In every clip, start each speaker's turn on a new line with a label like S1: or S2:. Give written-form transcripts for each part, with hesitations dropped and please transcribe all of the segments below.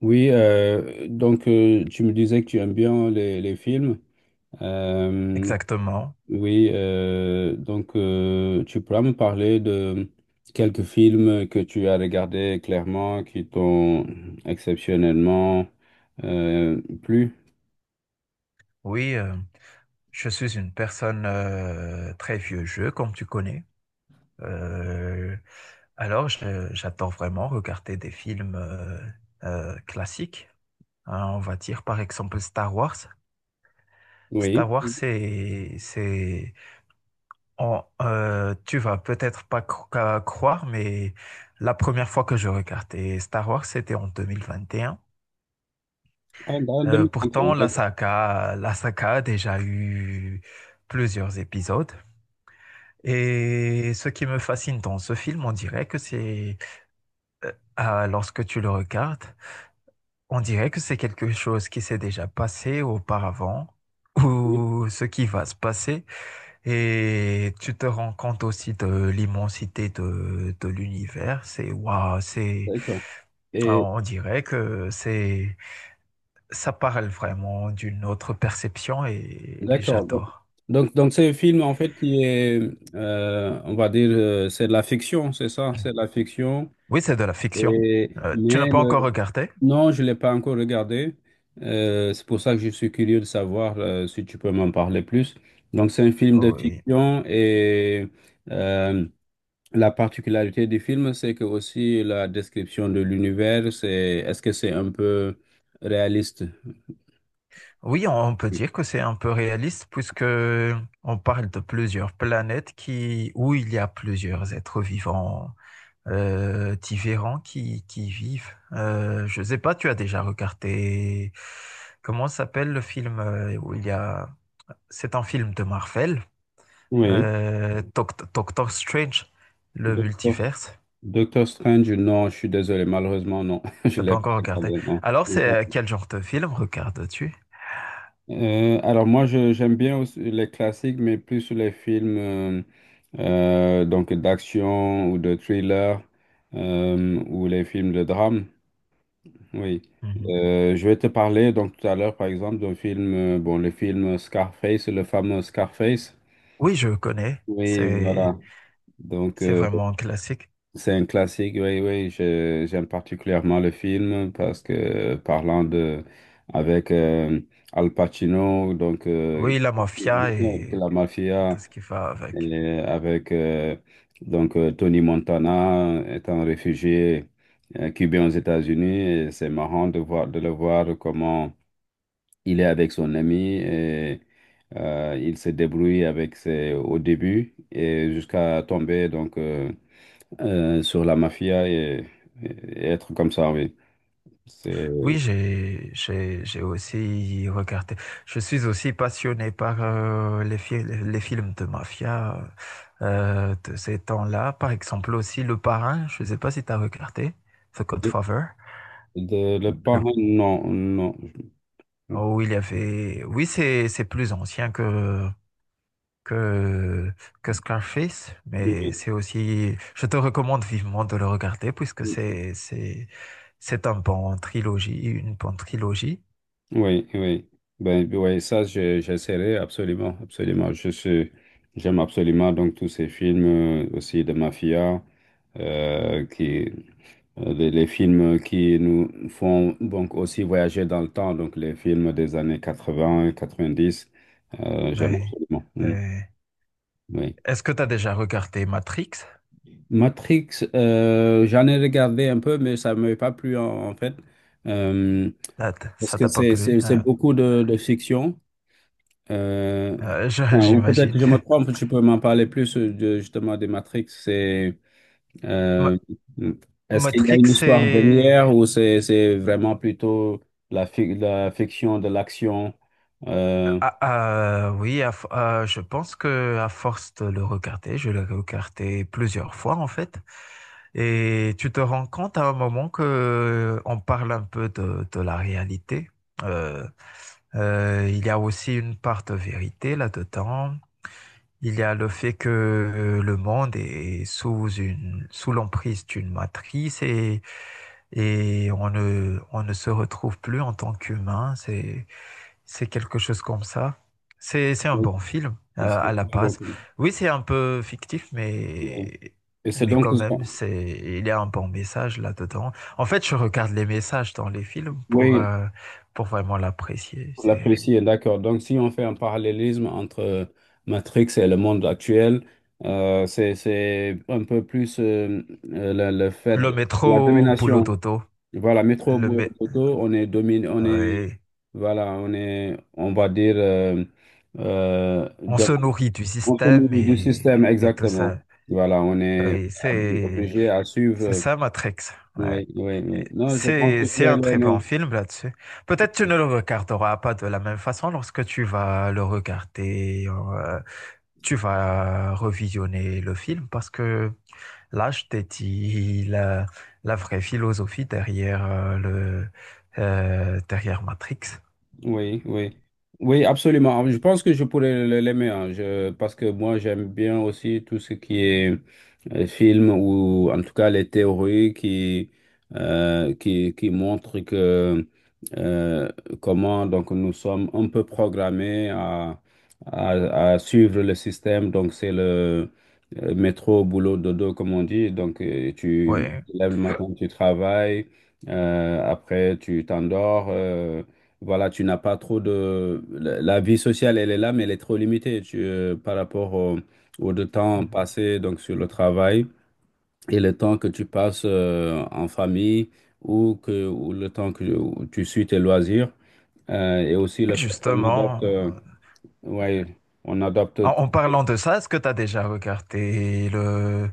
S1: Oui, donc, tu me disais que tu aimes bien les films. Euh,
S2: Exactement.
S1: oui, donc, tu pourras me parler de quelques films que tu as regardés clairement, qui t'ont exceptionnellement plu.
S2: Oui, euh, je suis une personne très vieux jeu, comme tu connais. Euh, alors, j'adore vraiment regarder des films classiques. Hein, on va dire par exemple Star Wars. Star
S1: Oui.
S2: Wars, c'est, c'est, on- euh, tu vas peut-être pas cro- qu'à croire, mais la première fois que je regardais Star Wars, c'était en 2021.
S1: Ah, en 2031,
S2: Pourtant, la
S1: d'accord.
S2: saga, la saga a déjà eu plusieurs épisodes. Et ce qui me fascine dans ce film, on dirait que c'est, ah, lorsque tu le regardes, on dirait que c'est quelque chose qui s'est déjà passé auparavant
S1: Oui,
S2: ou ce qui va se passer. Et tu te rends compte aussi de l'immensité de l'univers. C'est waouh,
S1: d'accord. Et
S2: alors, on dirait que ça parle vraiment d'une autre perception et
S1: d'accord. Donc,
S2: j'adore.
S1: donc, donc c'est un film en fait qui est, on va dire, c'est de la fiction, c'est ça, c'est de la fiction.
S2: Oui, c'est de la fiction.
S1: Et,
S2: Tu n'as
S1: mais
S2: pas encore regardé?
S1: non, je ne l'ai pas encore regardé. C'est pour ça que je suis curieux de savoir, si tu peux m'en parler plus. Donc, c'est un film de
S2: Oh, oui.
S1: fiction et, euh, la particularité du film, c'est que aussi la description de l'univers, c'est est-ce que c'est un peu réaliste?
S2: Oui, on peut dire que c'est un peu réaliste puisque on parle de plusieurs planètes où il y a plusieurs êtres vivants différents qui vivent. Je sais pas, tu as déjà regardé comment s'appelle le film où il y a, c'est un film de Marvel,
S1: Oui.
S2: Doctor Strange, le
S1: Docteur
S2: multiverse.
S1: Doctor Strange, non, je suis désolé, malheureusement, non, je
S2: T'as
S1: l'ai
S2: pas
S1: pas
S2: encore regardé.
S1: regardé, non.
S2: Alors, c'est quel genre de film regardes-tu?
S1: Alors moi, j'aime bien aussi les classiques, mais plus sur les films, donc d'action ou de thriller, ou les films de drame. Oui.
S2: Mhm.
S1: Je vais te parler donc tout à l'heure, par exemple, d'un film, bon, le film Scarface, le fameux Scarface.
S2: Oui, je connais.
S1: Oui,
S2: C'est
S1: voilà. Donc,
S2: c'est vraiment un classique.
S1: c'est un classique, oui, oui. J'aime particulièrement le film parce que parlant de avec, Al Pacino, donc,
S2: Oui, la
S1: il
S2: mafia
S1: joue de la
S2: et tout
S1: mafia,
S2: ce qui va avec.
S1: et avec, Tony Montana étant réfugié, cubain aux États-Unis, et c'est marrant de voir de le voir comment il est avec son ami et, il se débrouille avec ses au début et jusqu'à tomber donc, sur la mafia, et être comme ça, oui. C'est
S2: Oui, j'ai aussi regardé. Je suis aussi passionné par les films de mafia de ces temps-là. Par exemple, aussi Le Parrain. Je ne sais pas si tu as regardé The
S1: de,
S2: Godfather.
S1: le
S2: Le...
S1: parrain, non, non.
S2: Oh, il y avait. Oui, c'est plus ancien que, que Scarface,
S1: Oui,
S2: mais c'est aussi, je te recommande vivement de le regarder puisque c'est un bon trilogie, une bonne trilogie.
S1: oui. Oui. Ben, oui, ça, j'essaierai absolument, absolument. Je suis, j'aime absolument donc tous ces films, aussi de mafia, euh, qui, les films qui nous font donc aussi voyager dans le temps, donc les films des années 80 90. J'aime
S2: Oui.
S1: absolument. Mm,
S2: Euh,
S1: oui.
S2: Est-ce que tu as déjà regardé Matrix?
S1: Matrix, j'en ai regardé un peu, mais ça ne m'avait pas plu en fait. Euh,
S2: Ça
S1: Parce
S2: ça
S1: que
S2: t'a pas
S1: c'est
S2: plu,
S1: c'est- c'est
S2: hein.
S1: beaucoup de fiction. Euh, enfin, ou peut-être que
S2: J'imagine.
S1: je me trompe, tu peux m'en parler plus, de, justement des Matrix. C'est, euh,
S2: Ma-
S1: est-ce qu'il y a
S2: Matrix,
S1: une histoire derrière ou c'est vraiment plutôt la fiction de l'action? Euh,
S2: ah, oui, je pense que à force de le regarder, je l'ai regardé plusieurs fois en fait, et tu te rends compte à un moment que on parle un peu de la réalité. Euh, il y a aussi une part de vérité là-dedans. Il y a le fait que le monde est sous l'emprise d'une matrice et on ne se retrouve plus en tant qu'humain. C'est quelque chose comme ça. C'est un bon film à
S1: c'est-
S2: la base. Oui, c'est un peu fictif,
S1: c'est-
S2: mais,
S1: Et c'est
S2: mais
S1: donc,
S2: quand même, il y a un bon message là-dedans. En fait, je regarde les messages dans les films
S1: oui,
S2: pour vraiment l'apprécier. C'est
S1: l'apprécier, d'accord. Donc, si on fait un parallélisme entre, Matrix et le monde actuel, c'est un peu plus, le fait,
S2: le
S1: la
S2: métro boulot
S1: domination.
S2: dodo.
S1: Voilà, métro,
S2: Le
S1: boulot,
S2: mé-
S1: dodo, on est dominé, on est,
S2: ouais.
S1: voilà, on est, on va dire, euh,
S2: On
S1: de-
S2: se nourrit du
S1: on
S2: système
S1: fait du système,
S2: et tout
S1: exactement.
S2: ça.
S1: Voilà, on est
S2: Oui, c'est,
S1: obligé à suivre,
S2: C'est ça, Matrix. Ouais.
S1: oui, oui, oui. Non, je pense que je
S2: C'est
S1: vais
S2: un très bon
S1: l'aimer.
S2: film là-dessus. Peut-être tu ne le regarderas pas de la même façon lorsque tu vas le regarder, tu vas revisionner le film parce que là, je t'ai dit la vraie philosophie derrière derrière Matrix.
S1: Oui, oui. Oui, absolument. Je pense que je pourrais l'aimer, hein. Parce que moi, j'aime bien aussi tout ce qui est, film ou en tout cas les théories qui montrent que, euh, comment donc nous sommes un peu programmés à suivre le système. Donc, c'est le, métro, boulot, dodo, comme on dit. Donc, tu
S2: Ouais.
S1: te lèves le matin, tu travailles, après, tu t'endors, voilà, tu n'as pas trop de. La vie sociale, elle est là, mais elle est trop limitée, par rapport au, au de temps passé donc sur le travail et le temps que tu passes, en famille ou, que, ou le temps que où tu suis tes loisirs. Et aussi le fait qu'on adopte.
S2: Justement.
S1: Ouais, on adopte tout.
S2: En parlant de ça, est-ce que tu as déjà regardé le...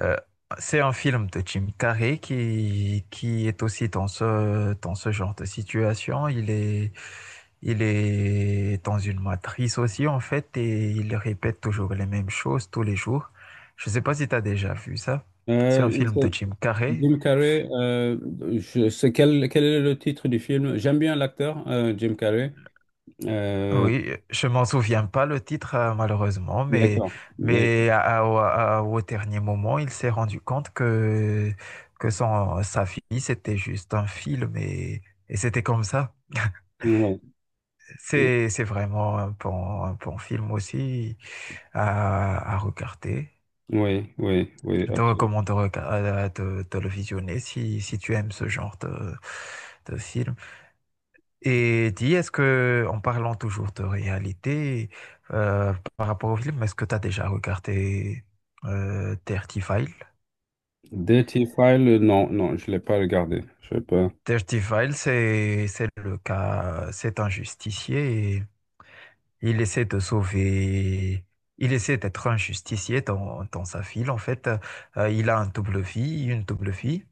S2: euh, c'est un film de Jim Carrey qui est aussi dans dans ce genre de situation. Il est dans une matrice aussi, en fait, et il répète toujours les mêmes choses tous les jours. Je ne sais pas si tu as déjà vu ça. C'est un
S1: Euh,
S2: film de
S1: c'est-
S2: Jim Carrey.
S1: Jim Carrey, je sais quel est le titre du film. J'aime bien l'acteur, Jim Carrey. Euh,
S2: Oui, je m'en souviens pas le titre malheureusement, mais
S1: d'accord. Mais-
S2: au dernier moment, il s'est rendu compte que son sa fille c'était juste un film et c'était comme ça.
S1: ouais.
S2: C'est vraiment un bon film aussi à regarder.
S1: Oui, oui, oui,
S2: Je te
S1: absolument.
S2: recommande de le visionner si tu aimes ce genre de film. Et dis, est-ce que, en parlant toujours de réalité, par rapport au film, est-ce que tu as déjà regardé Dirty File?
S1: Dirty File, non, non, je ne l'ai pas regardé. Je sais pas.
S2: C'est le cas, c'est un justicier et il essaie de sauver, il essaie d'être un justicier dans sa ville. En fait, euh, il a un double vie, une double vie.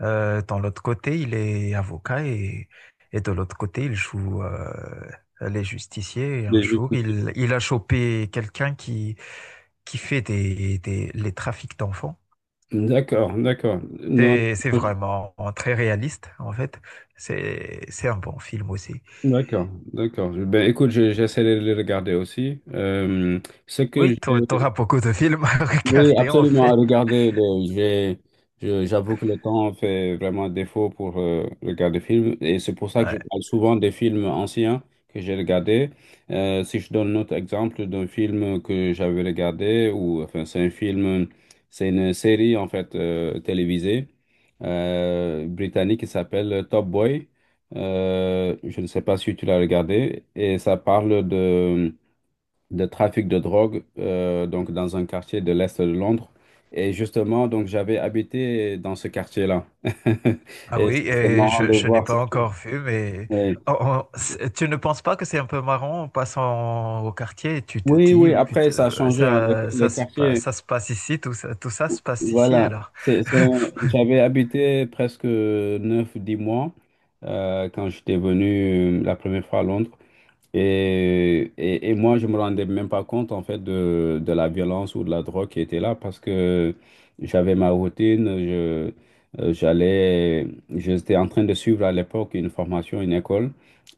S2: Dans l'autre côté, il est avocat et de l'autre côté, il joue les justiciers. Et un
S1: Les
S2: jour,
S1: justifier.
S2: il a chopé quelqu'un qui fait les trafics d'enfants.
S1: D'accord, d'accord. Non,
S2: C'est vraiment très réaliste, en fait. C'est un bon film aussi.
S1: d'accord, d'accord. Ben, écoute, j'essaie de les regarder aussi. Ce que
S2: Oui, tu auras
S1: j'ai.
S2: beaucoup de films à
S1: Oui,
S2: regarder, en
S1: absolument.
S2: fait.
S1: Regardez, j'ai, j'avoue que le temps fait vraiment défaut pour, regarder des films. Et c'est pour ça que je
S2: Ouais.
S1: parle souvent des films anciens que j'ai regardés. Si je donne un autre exemple d'un film que j'avais regardé, ou enfin, c'est un film, c'est une série en fait, télévisée, britannique qui s'appelle Top Boy. Je ne sais pas si tu l'as regardé. Et ça parle de trafic de drogue, donc dans un quartier de l'Est de Londres. Et justement, donc j'avais habité dans ce quartier-là.
S2: Ah
S1: Et c'est
S2: oui,
S1: c'est
S2: et
S1: marrant de
S2: je n'ai
S1: voir ça.
S2: pas encore vu, mais
S1: Oui,
S2: oh, tu ne penses pas que c'est un peu marrant en passant au quartier et tu te
S1: oui,
S2: dis,
S1: oui,
S2: oh
S1: après
S2: putain,
S1: ça a changé, hein. Le, le quartier,
S2: ça se passe ici, tout ça se passe ici
S1: voilà.
S2: alors.
S1: J'avais habité presque 9 10 mois, quand j'étais venu, la première fois à Londres. Et moi, je me rendais même pas compte, en fait, de la violence ou de la drogue qui était là parce que j'avais ma routine, euh, j'allais, j'étais en train de suivre à l'époque une formation, une école.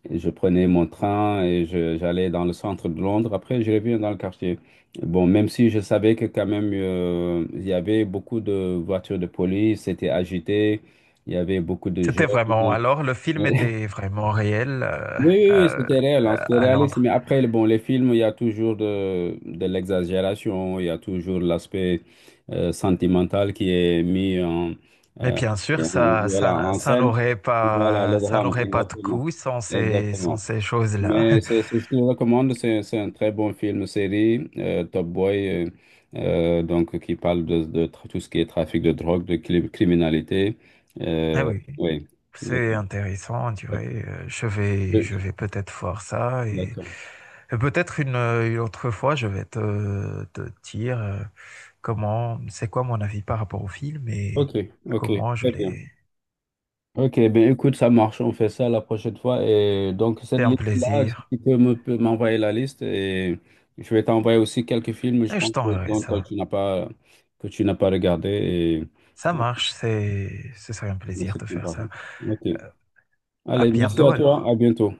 S1: Et je prenais mon train et j'allais dans le centre de Londres. Après, je revenais dans le quartier. Bon, même si je savais que quand même, il y avait beaucoup de voitures de police, c'était agité, il y avait beaucoup de
S2: C'était vraiment,
S1: jeunes.
S2: alors le film était vraiment réel
S1: Oui, oui, oui,
S2: euh,
S1: c'était réel, hein, c'était
S2: à
S1: réaliste. Mais
S2: Londres.
S1: après, bon, les films, il y a toujours de l'exagération, il y a toujours l'aspect, sentimental qui est mis en,
S2: Mais
S1: euh,
S2: bien sûr,
S1: voilà, en scène. Voilà, le
S2: ça
S1: drame,
S2: n'aurait pas de coût
S1: exactement.
S2: sans
S1: Exactement.
S2: ces choses-là.
S1: Mais c'est ce que je te recommande, c'est un très bon film, série, Top Boy, donc qui parle de tout ce qui est trafic de drogue, criminalité.
S2: Ah
S1: Euh,
S2: oui.
S1: oui,
S2: C'est
S1: d'accord.
S2: intéressant, tu vois. Je vais peut-être voir ça
S1: D'accord.
S2: et peut-être une autre fois, je vais te dire comment, c'est quoi mon avis par rapport au film et
S1: Ok, ok,
S2: comment je
S1: très bien.
S2: l'ai.
S1: Ok, ben écoute, ça marche, on fait ça la prochaine fois. Et donc, cette
S2: C'est un
S1: liste-là, si
S2: plaisir
S1: tu peux peux m'envoyer la liste, et je vais t'envoyer aussi quelques films, je
S2: et
S1: pense,
S2: je
S1: que,
S2: t'enverrai
S1: dont toi,
S2: ça.
S1: tu n'as pas, que tu n'as pas regardé. Et.
S2: Ça marche, ce serait un
S1: Mais
S2: plaisir
S1: c'est
S2: de
S1: tout,
S2: faire
S1: par contre.
S2: ça.
S1: Ok,
S2: Euh, À
S1: allez, merci
S2: bientôt
S1: à toi, à
S2: alors.
S1: bientôt.